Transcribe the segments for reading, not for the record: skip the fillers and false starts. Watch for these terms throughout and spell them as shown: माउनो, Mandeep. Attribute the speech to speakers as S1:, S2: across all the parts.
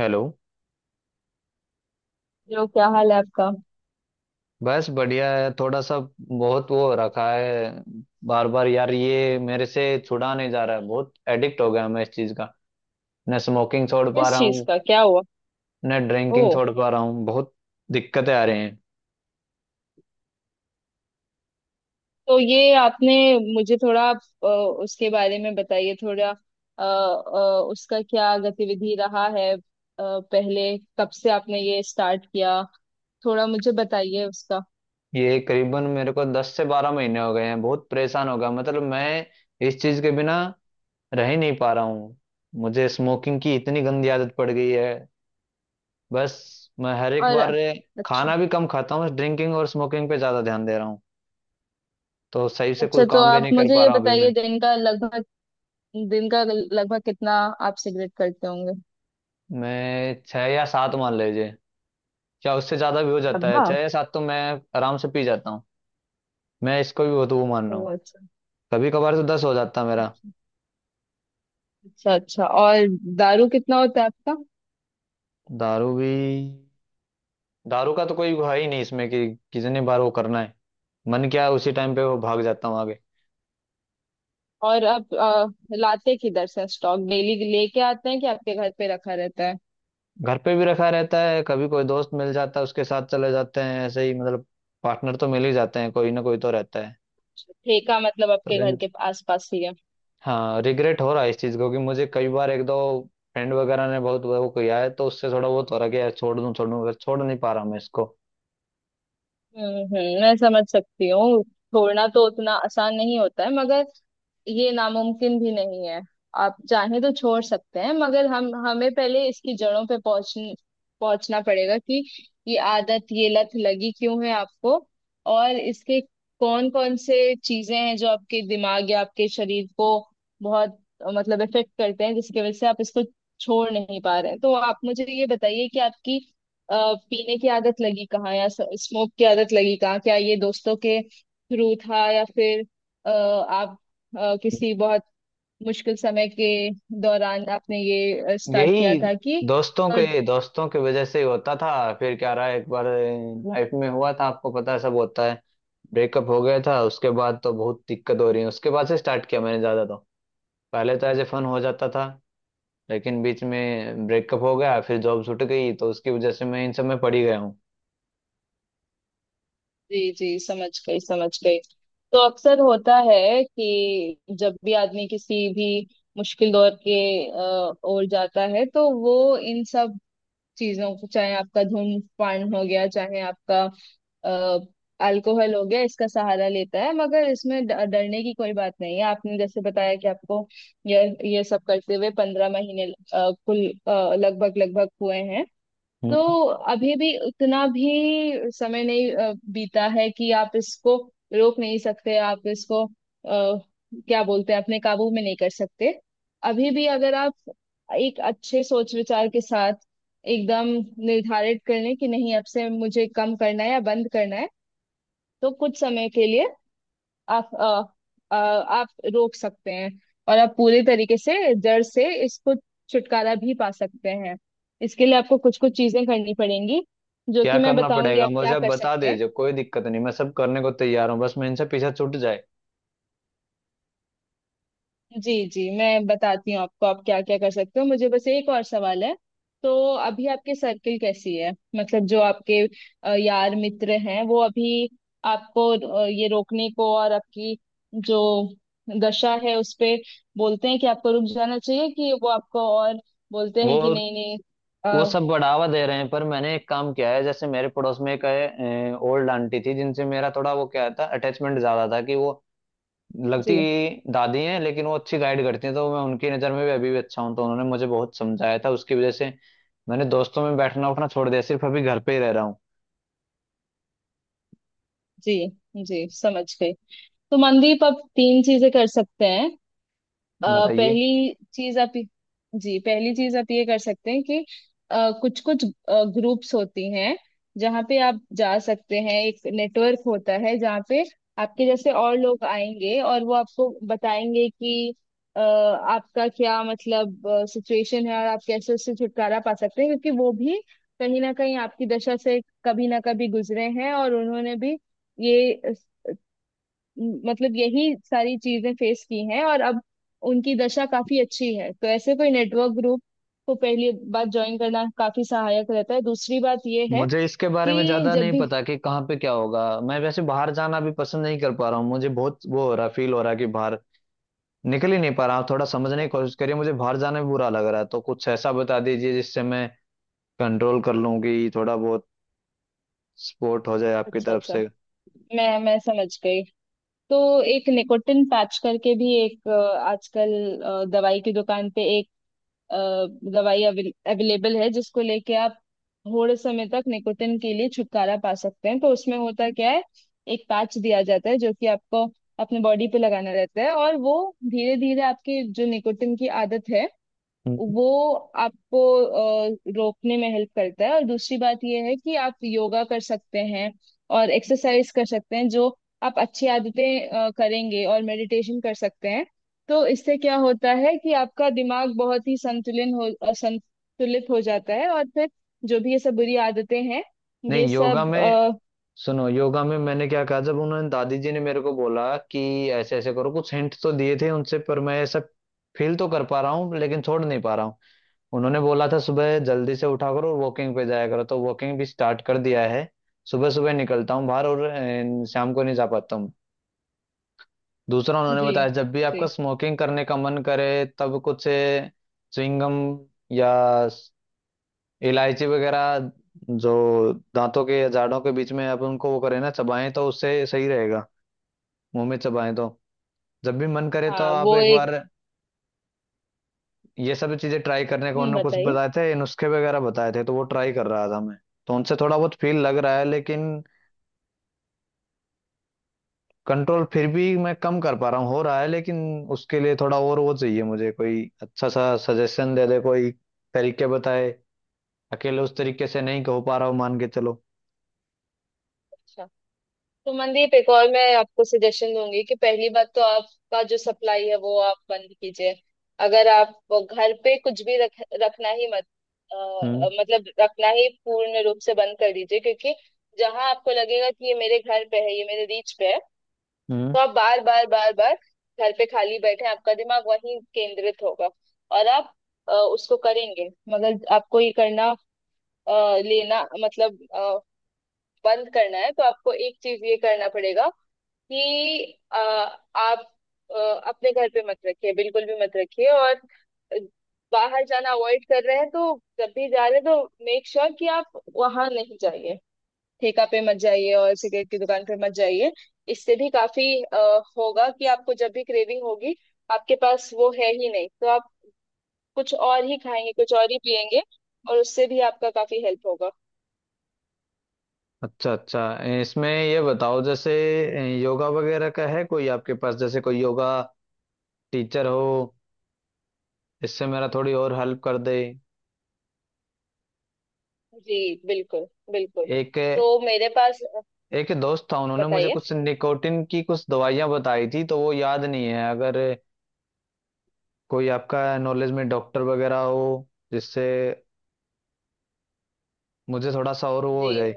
S1: Hello.
S2: जो, क्या हाल है आपका?
S1: बस बढ़िया है, थोड़ा सा बहुत वो रखा है। बार बार यार ये मेरे से छुड़ा नहीं जा रहा है, बहुत एडिक्ट हो गया मैं इस चीज का। न स्मोकिंग छोड़ पा
S2: किस
S1: रहा
S2: चीज
S1: हूँ,
S2: का? क्या हुआ?
S1: न
S2: ओ।
S1: ड्रिंकिंग छोड़ पा रहा हूँ, बहुत दिक्कतें आ रही हैं।
S2: तो ये आपने मुझे थोड़ा अ, उसके बारे में बताइए थोड़ा। उसका क्या गतिविधि रहा है? पहले कब से आपने ये स्टार्ट किया? थोड़ा मुझे बताइए उसका।
S1: ये करीबन मेरे को 10 से 12 महीने हो गए हैं। बहुत परेशान हो गया, मतलब मैं इस चीज के बिना रह ही नहीं पा रहा हूँ। मुझे स्मोकिंग की इतनी गंदी आदत पड़ गई है। बस मैं हर एक
S2: और?
S1: बार
S2: अच्छा।
S1: खाना भी कम खाता हूँ, ड्रिंकिंग और स्मोकिंग पे ज्यादा ध्यान दे रहा हूँ। तो सही से कोई
S2: अच्छा, तो
S1: काम भी
S2: आप
S1: नहीं कर
S2: मुझे
S1: पा
S2: ये
S1: रहा अभी
S2: बताइए,
S1: मैं।
S2: दिन का लगभग कितना आप सिगरेट करते होंगे?
S1: मैं छः या सात मान लीजिए, या उससे ज़्यादा भी हो जाता है।
S2: डब्बा?
S1: छः या सात तो मैं आराम से पी जाता हूँ। मैं इसको भी बहुत वो मान रहा
S2: ओ,
S1: हूँ।
S2: अच्छा
S1: कभी कभार तो 10 हो जाता है मेरा।
S2: अच्छा। अच्छा, अच्छा। और? दारू कितना होता है आपका?
S1: दारू भी, दारू का तो कोई है ही नहीं इसमें कि कितनी बार वो करना है। मन क्या है उसी टाइम पे वो भाग जाता हूँ आगे।
S2: और अब लाते किधर से? स्टॉक डेली लेके आते हैं कि आपके घर पे रखा रहता है?
S1: घर पे भी रखा रहता है, कभी कोई दोस्त मिल जाता है उसके साथ चले जाते हैं, ऐसे ही मतलब पार्टनर तो मिल ही जाते हैं, कोई ना कोई तो रहता है।
S2: ठेका मतलब
S1: तो
S2: आपके घर के आसपास ही है?
S1: हाँ, रिग्रेट हो रहा है इस चीज को, कि मुझे कई बार एक दो फ्रेंड वगैरह ने बहुत वो किया है, तो उससे थोड़ा बहुत हो रहा है कि यार छोड़ दूं छोड़ दूं, पर छोड़ नहीं पा रहा मैं इसको।
S2: हम्म, मैं समझ सकती हूँ। छोड़ना तो उतना आसान नहीं होता है, मगर ये नामुमकिन भी नहीं है। आप चाहें तो छोड़ सकते हैं, मगर हम हमें पहले इसकी जड़ों पे पहुंचना पड़ेगा कि ये आदत, ये लत लगी क्यों है आपको। और इसके कौन कौन से चीजें हैं जो आपके दिमाग या आपके शरीर को बहुत, मतलब, इफेक्ट करते हैं, जिसकी वजह से आप इसको छोड़ नहीं पा रहे हैं? तो आप मुझे ये बताइए कि आपकी अ, पीने की आदत लगी कहाँ या स्मोक की आदत लगी कहाँ? क्या ये दोस्तों के थ्रू था, या फिर अ, आप किसी बहुत मुश्किल समय के दौरान आपने ये स्टार्ट किया
S1: यही,
S2: था कि।
S1: दोस्तों
S2: अ,
S1: के दोस्तों की वजह से ही होता था। फिर क्या रहा, एक बार लाइफ में हुआ था, आपको पता है सब होता है, ब्रेकअप हो गया था, उसके बाद तो बहुत दिक्कत हो रही है। उसके बाद से स्टार्ट किया मैंने ज्यादा। तो पहले तो एज ए फन हो जाता था, लेकिन बीच में ब्रेकअप हो गया, फिर जॉब छूट गई, तो उसकी वजह से मैं इन सब में पड़ी गया हूँ।
S2: जी, जी, समझ गई, समझ गई। तो अक्सर होता है कि जब भी आदमी किसी भी मुश्किल दौर के ओर जाता है, तो वो इन सब चीजों को, चाहे आपका धूम्रपान हो गया, चाहे आपका अल्कोहल हो गया, इसका सहारा लेता है। मगर इसमें डरने की कोई बात नहीं है। आपने जैसे बताया कि आपको ये ये सब करते हुए 15 महीने, कुल लगभग लगभग हुए हैं। तो अभी भी उतना भी समय नहीं बीता है कि आप इसको रोक नहीं सकते, आप इसको क्या बोलते हैं, अपने काबू में नहीं कर सकते। अभी भी अगर आप एक अच्छे सोच विचार के साथ एकदम निर्धारित कर लें कि नहीं, अब से मुझे कम करना है या बंद करना है, तो कुछ समय के लिए आप रोक सकते हैं। और आप पूरे तरीके से जड़ से इसको छुटकारा भी पा सकते हैं। इसके लिए आपको कुछ कुछ चीजें करनी पड़ेंगी जो
S1: क्या
S2: कि मैं
S1: करना
S2: बताऊंगी,
S1: पड़ेगा
S2: आप
S1: मुझे,
S2: क्या
S1: आप
S2: कर
S1: बता
S2: सकते हैं।
S1: दीजिए, कोई दिक्कत नहीं, मैं सब करने को तैयार हूँ, बस मैं इनसे पीछे छूट जाए।
S2: जी, जी, मैं बताती हूँ आपको आप क्या क्या कर सकते हो। मुझे बस एक और सवाल है। तो अभी आपके सर्किल कैसी है? मतलब जो आपके यार मित्र हैं, वो अभी आपको ये रोकने को और आपकी जो दशा है उस पे बोलते हैं कि आपको रुक जाना चाहिए, कि वो आपको और बोलते हैं कि
S1: वो
S2: नहीं, नहीं?
S1: वो
S2: अ,
S1: सब बढ़ावा दे रहे हैं, पर मैंने एक काम किया है। जैसे मेरे पड़ोस में एक ओल्ड आंटी थी, जिनसे मेरा थोड़ा वो क्या था, अटैचमेंट ज्यादा था। कि वो लगती
S2: जी,
S1: दादी हैं, लेकिन वो अच्छी गाइड करती हैं। तो मैं उनकी नज़र में भी अभी भी अच्छा हूँ, तो उन्होंने मुझे बहुत समझाया था। उसकी वजह से मैंने दोस्तों में बैठना उठना छोड़ दिया, सिर्फ अभी घर पे ही रह रहा हूँ।
S2: जी, जी, समझ गई। तो मनदीप, आप तीन चीजें कर सकते हैं। अ,
S1: बताइए।
S2: पहली चीज आप जी, पहली चीज आप ये कर सकते हैं कि कुछ कुछ ग्रुप्स होती हैं जहाँ पे आप जा सकते हैं। एक नेटवर्क होता है जहाँ पे आपके जैसे और लोग आएंगे और वो आपको बताएंगे कि आपका क्या, मतलब, सिचुएशन है और आप कैसे उससे छुटकारा पा सकते हैं, क्योंकि वो भी कहीं ना कहीं आपकी दशा से कभी ना कभी गुजरे हैं और उन्होंने भी ये मतलब यही सारी चीजें फेस की हैं, और अब उनकी दशा काफी अच्छी है। तो ऐसे कोई नेटवर्क ग्रुप को पहली बात ज्वाइन करना काफी सहायक रहता है। दूसरी बात ये है
S1: मुझे इसके बारे में
S2: कि
S1: ज्यादा
S2: जब
S1: नहीं
S2: भी।
S1: पता कि कहाँ पे क्या होगा। मैं वैसे बाहर जाना भी पसंद नहीं कर पा रहा हूँ, मुझे बहुत वो हो रहा, फील हो रहा है कि बाहर निकल ही नहीं पा रहा हूँ। थोड़ा समझने की कोशिश करिए, मुझे बाहर जाना भी बुरा लग रहा है। तो कुछ ऐसा बता दीजिए जिससे मैं कंट्रोल कर लूँ, कि थोड़ा बहुत सपोर्ट हो जाए आपकी
S2: अच्छा,
S1: तरफ
S2: अच्छा।
S1: से।
S2: मैं समझ गई। तो एक निकोटिन पैच करके भी एक, आजकल दवाई की दुकान पे अ, दवाई अवेलेबल है, जिसको लेके आप थोड़े समय तक निकोटिन के लिए छुटकारा पा सकते हैं। तो उसमें होता क्या है, एक पैच दिया जाता है जो कि आपको अपने बॉडी पे लगाना रहता है, और वो धीरे धीरे आपकी जो निकोटिन की आदत है
S1: हम्म।
S2: वो आपको रोकने में हेल्प करता है। और दूसरी बात ये है कि आप योगा कर सकते हैं और एक्सरसाइज कर सकते हैं, जो आप अच्छी आदतें करेंगे, और मेडिटेशन कर सकते हैं। तो इससे क्या होता है कि आपका दिमाग बहुत ही संतुलित हो जाता है, और फिर जो भी ये सब बुरी आदतें हैं, ये
S1: नहीं, योगा
S2: सब
S1: में,
S2: अ,
S1: सुनो, योगा में मैंने क्या कहा, जब उन्होंने, दादी जी ने मेरे को बोला कि ऐसे ऐसे करो, कुछ हिंट तो दिए थे उनसे, पर मैं ऐसा फील तो कर पा रहा हूँ, लेकिन छोड़ नहीं पा रहा हूँ। उन्होंने बोला था सुबह जल्दी से उठा करो और वॉकिंग पे जाया करो, तो वॉकिंग भी स्टार्ट कर दिया है। सुबह सुबह निकलता हूँ बाहर, और शाम को नहीं जा पाता हूँ। दूसरा उन्होंने
S2: जी,
S1: बताया, जब भी आपका
S2: जी।
S1: स्मोकिंग करने का मन करे, तब कुछ च्युइंगम या स- इलायची वगैरह, जो दांतों के या जाड़ों के बीच में आप उनको वो करें, ना, चबाएं तो उससे सही रहेगा। मुंह में चबाएं तो जब भी मन करे तो
S2: हाँ,
S1: आप
S2: वो
S1: एक
S2: एक।
S1: बार, ये सब चीजें ट्राई करने को
S2: हम्म,
S1: उन्होंने कुछ
S2: बताइए।
S1: बताए थे, नुस्खे वगैरह बताए थे, तो वो ट्राई कर रहा था मैं। तो उनसे थोड़ा बहुत फील लग रहा है, लेकिन कंट्रोल फिर भी मैं कम कर पा रहा हूँ, हो रहा है, लेकिन उसके लिए थोड़ा और वो चाहिए मुझे। कोई अच्छा सा सजेशन दे दे कोई, तरीके बताए। अकेले उस तरीके से नहीं कह पा रहा हूँ, मान के चलो।
S2: अच्छा। तो मनदीप, एक और मैं आपको सजेशन दूंगी कि पहली बात तो आपका जो सप्लाई है वो आप बंद कीजिए। अगर आप वो घर पे कुछ भी रख रखना ही मत। अ,
S1: हम्म,
S2: मतलब रखना ही पूर्ण रूप से बंद कर दीजिए, क्योंकि जहां आपको लगेगा कि ये मेरे घर पे है, ये मेरे रीच पे है,
S1: हम्म।
S2: तो आप बार बार बार बार घर पे खाली बैठे हैं, आपका दिमाग वहीं केंद्रित होगा, और आप उसको करेंगे। मगर आपको ये करना, अ, लेना, मतलब बंद करना है, तो आपको एक चीज ये करना पड़ेगा कि आप अ, अपने घर पे मत रखिए, बिल्कुल भी मत रखिए। और बाहर जाना अवॉइड कर रहे हैं, तो जब भी जा रहे हैं तो मेक श्योर कि आप वहां नहीं जाइए। ठेका पे मत जाइए और सिगरेट की दुकान पे मत जाइए। इससे भी काफी होगा कि आपको जब भी क्रेविंग होगी, आपके पास वो है ही नहीं, तो आप कुछ और ही खाएंगे, कुछ और ही पिएंगे, और उससे भी आपका काफी हेल्प होगा।
S1: अच्छा, अच्छा। इसमें ये बताओ, जैसे योगा वगैरह का है कोई आपके पास, जैसे कोई योगा टीचर हो, इससे मेरा थोड़ी और हेल्प कर दे।
S2: जी, बिल्कुल, बिल्कुल।
S1: एक
S2: तो मेरे पास।
S1: एक दोस्त था, उन्होंने मुझे
S2: बताइए।
S1: कुछ निकोटिन की कुछ दवाइयाँ बताई थी, तो वो याद नहीं है। अगर कोई आपका नॉलेज में डॉक्टर वगैरह हो जिससे मुझे थोड़ा सा और वो
S2: जी,
S1: हो जाए।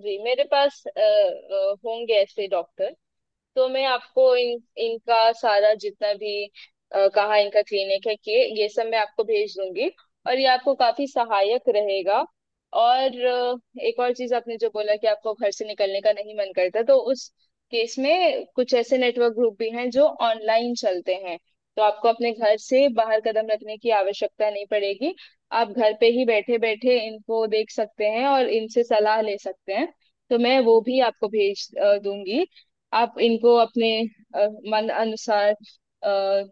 S2: जी, मेरे पास होंगे ऐसे डॉक्टर। तो मैं आपको इन इनका सारा जितना भी, कहाँ इनका क्लिनिक है, कि ये सब मैं आपको भेज दूंगी, और ये आपको काफी सहायक रहेगा। और एक और चीज, आपने जो बोला कि आपको घर से निकलने का नहीं मन करता, तो उस केस में कुछ ऐसे नेटवर्क ग्रुप भी हैं जो ऑनलाइन चलते हैं। तो आपको अपने घर से बाहर कदम रखने की आवश्यकता नहीं पड़ेगी। आप घर पे ही बैठे बैठे इनको देख सकते हैं और इनसे सलाह ले सकते हैं। तो मैं वो भी आपको भेज दूंगी। आप इनको अपने अ, मन अनुसार अ,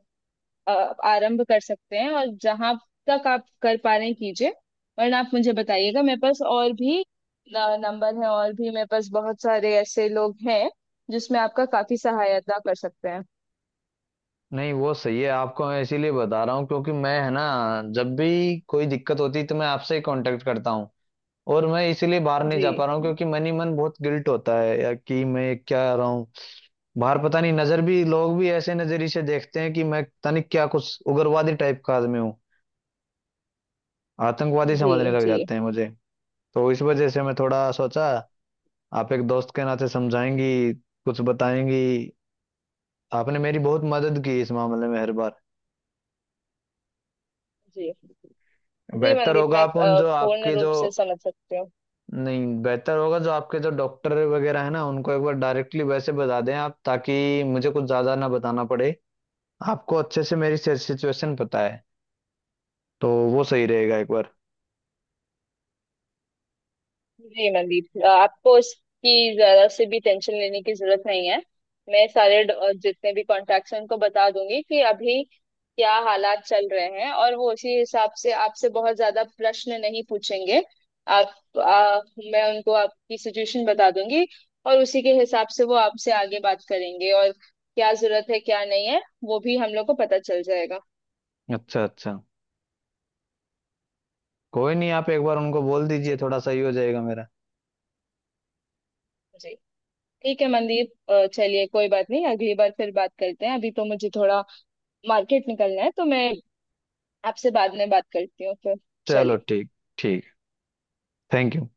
S2: अ, आरंभ कर सकते हैं, और जहां तक आप कर पा रहे हैं कीजिए। वरना आप मुझे बताइएगा, मेरे पास और भी नंबर है, और भी मेरे पास बहुत सारे ऐसे लोग हैं जिसमें आपका काफी सहायता कर सकते हैं।
S1: नहीं, वो सही है, आपको मैं इसीलिए बता रहा हूँ क्योंकि मैं, है ना, जब भी कोई दिक्कत होती है तो मैं आपसे ही कांटेक्ट करता हूँ। और मैं इसीलिए बाहर नहीं
S2: जी,
S1: जा पा रहा हूँ,
S2: जी,
S1: क्योंकि मन ही मन बहुत गिल्ट होता है, या कि मैं क्या रहा हूँ। बाहर पता नहीं, नजर भी, लोग भी ऐसे नजरिए से देखते हैं कि मैं पता नहीं क्या कुछ उग्रवादी टाइप का आदमी हूँ। आतंकवादी
S2: जी,
S1: समझने लग
S2: जी,
S1: जाते हैं मुझे। तो इस वजह से मैं थोड़ा सोचा आप एक दोस्त के नाते समझाएंगी, कुछ बताएंगी। आपने मेरी बहुत मदद की इस मामले में, हर बार।
S2: जी, जी,
S1: बेहतर
S2: मंदीप,
S1: होगा
S2: मैं
S1: आप उन जो
S2: पूर्ण
S1: आपके जो
S2: रूप से समझ सकती हूँ।
S1: नहीं, बेहतर होगा जो आपके जो डॉक्टर वगैरह है ना, उनको एक बार डायरेक्टली वैसे बता दें आप, ताकि मुझे कुछ ज्यादा ना बताना पड़े। आपको अच्छे से मेरी सिचुएशन पता है, तो वो सही रहेगा एक बार।
S2: जी, मनदीप, आपको इसकी जरा से भी टेंशन लेने की जरूरत नहीं है। मैं सारे जितने भी कॉन्टैक्ट्स हैं उनको बता दूंगी कि अभी क्या हालात चल रहे हैं, और वो उसी हिसाब से आपसे बहुत ज्यादा प्रश्न नहीं पूछेंगे। आप आ, मैं उनको आपकी सिचुएशन बता दूंगी, और उसी के हिसाब से वो आपसे आगे बात करेंगे, और क्या जरूरत है क्या नहीं है वो भी हम लोग को पता चल जाएगा।
S1: अच्छा, अच्छा, कोई नहीं, आप एक बार उनको बोल दीजिए,
S2: जी,
S1: थोड़ा सही हो जाएगा मेरा।
S2: जी, ठीक है मनदीप। चलिए, कोई बात नहीं, अगली बार फिर बात करते हैं। अभी तो मुझे थोड़ा मार्केट निकलना है, तो मैं आपसे बाद में बात करती हूँ फिर।
S1: चलो,
S2: चलिए।
S1: ठीक। ठीक। Thank you.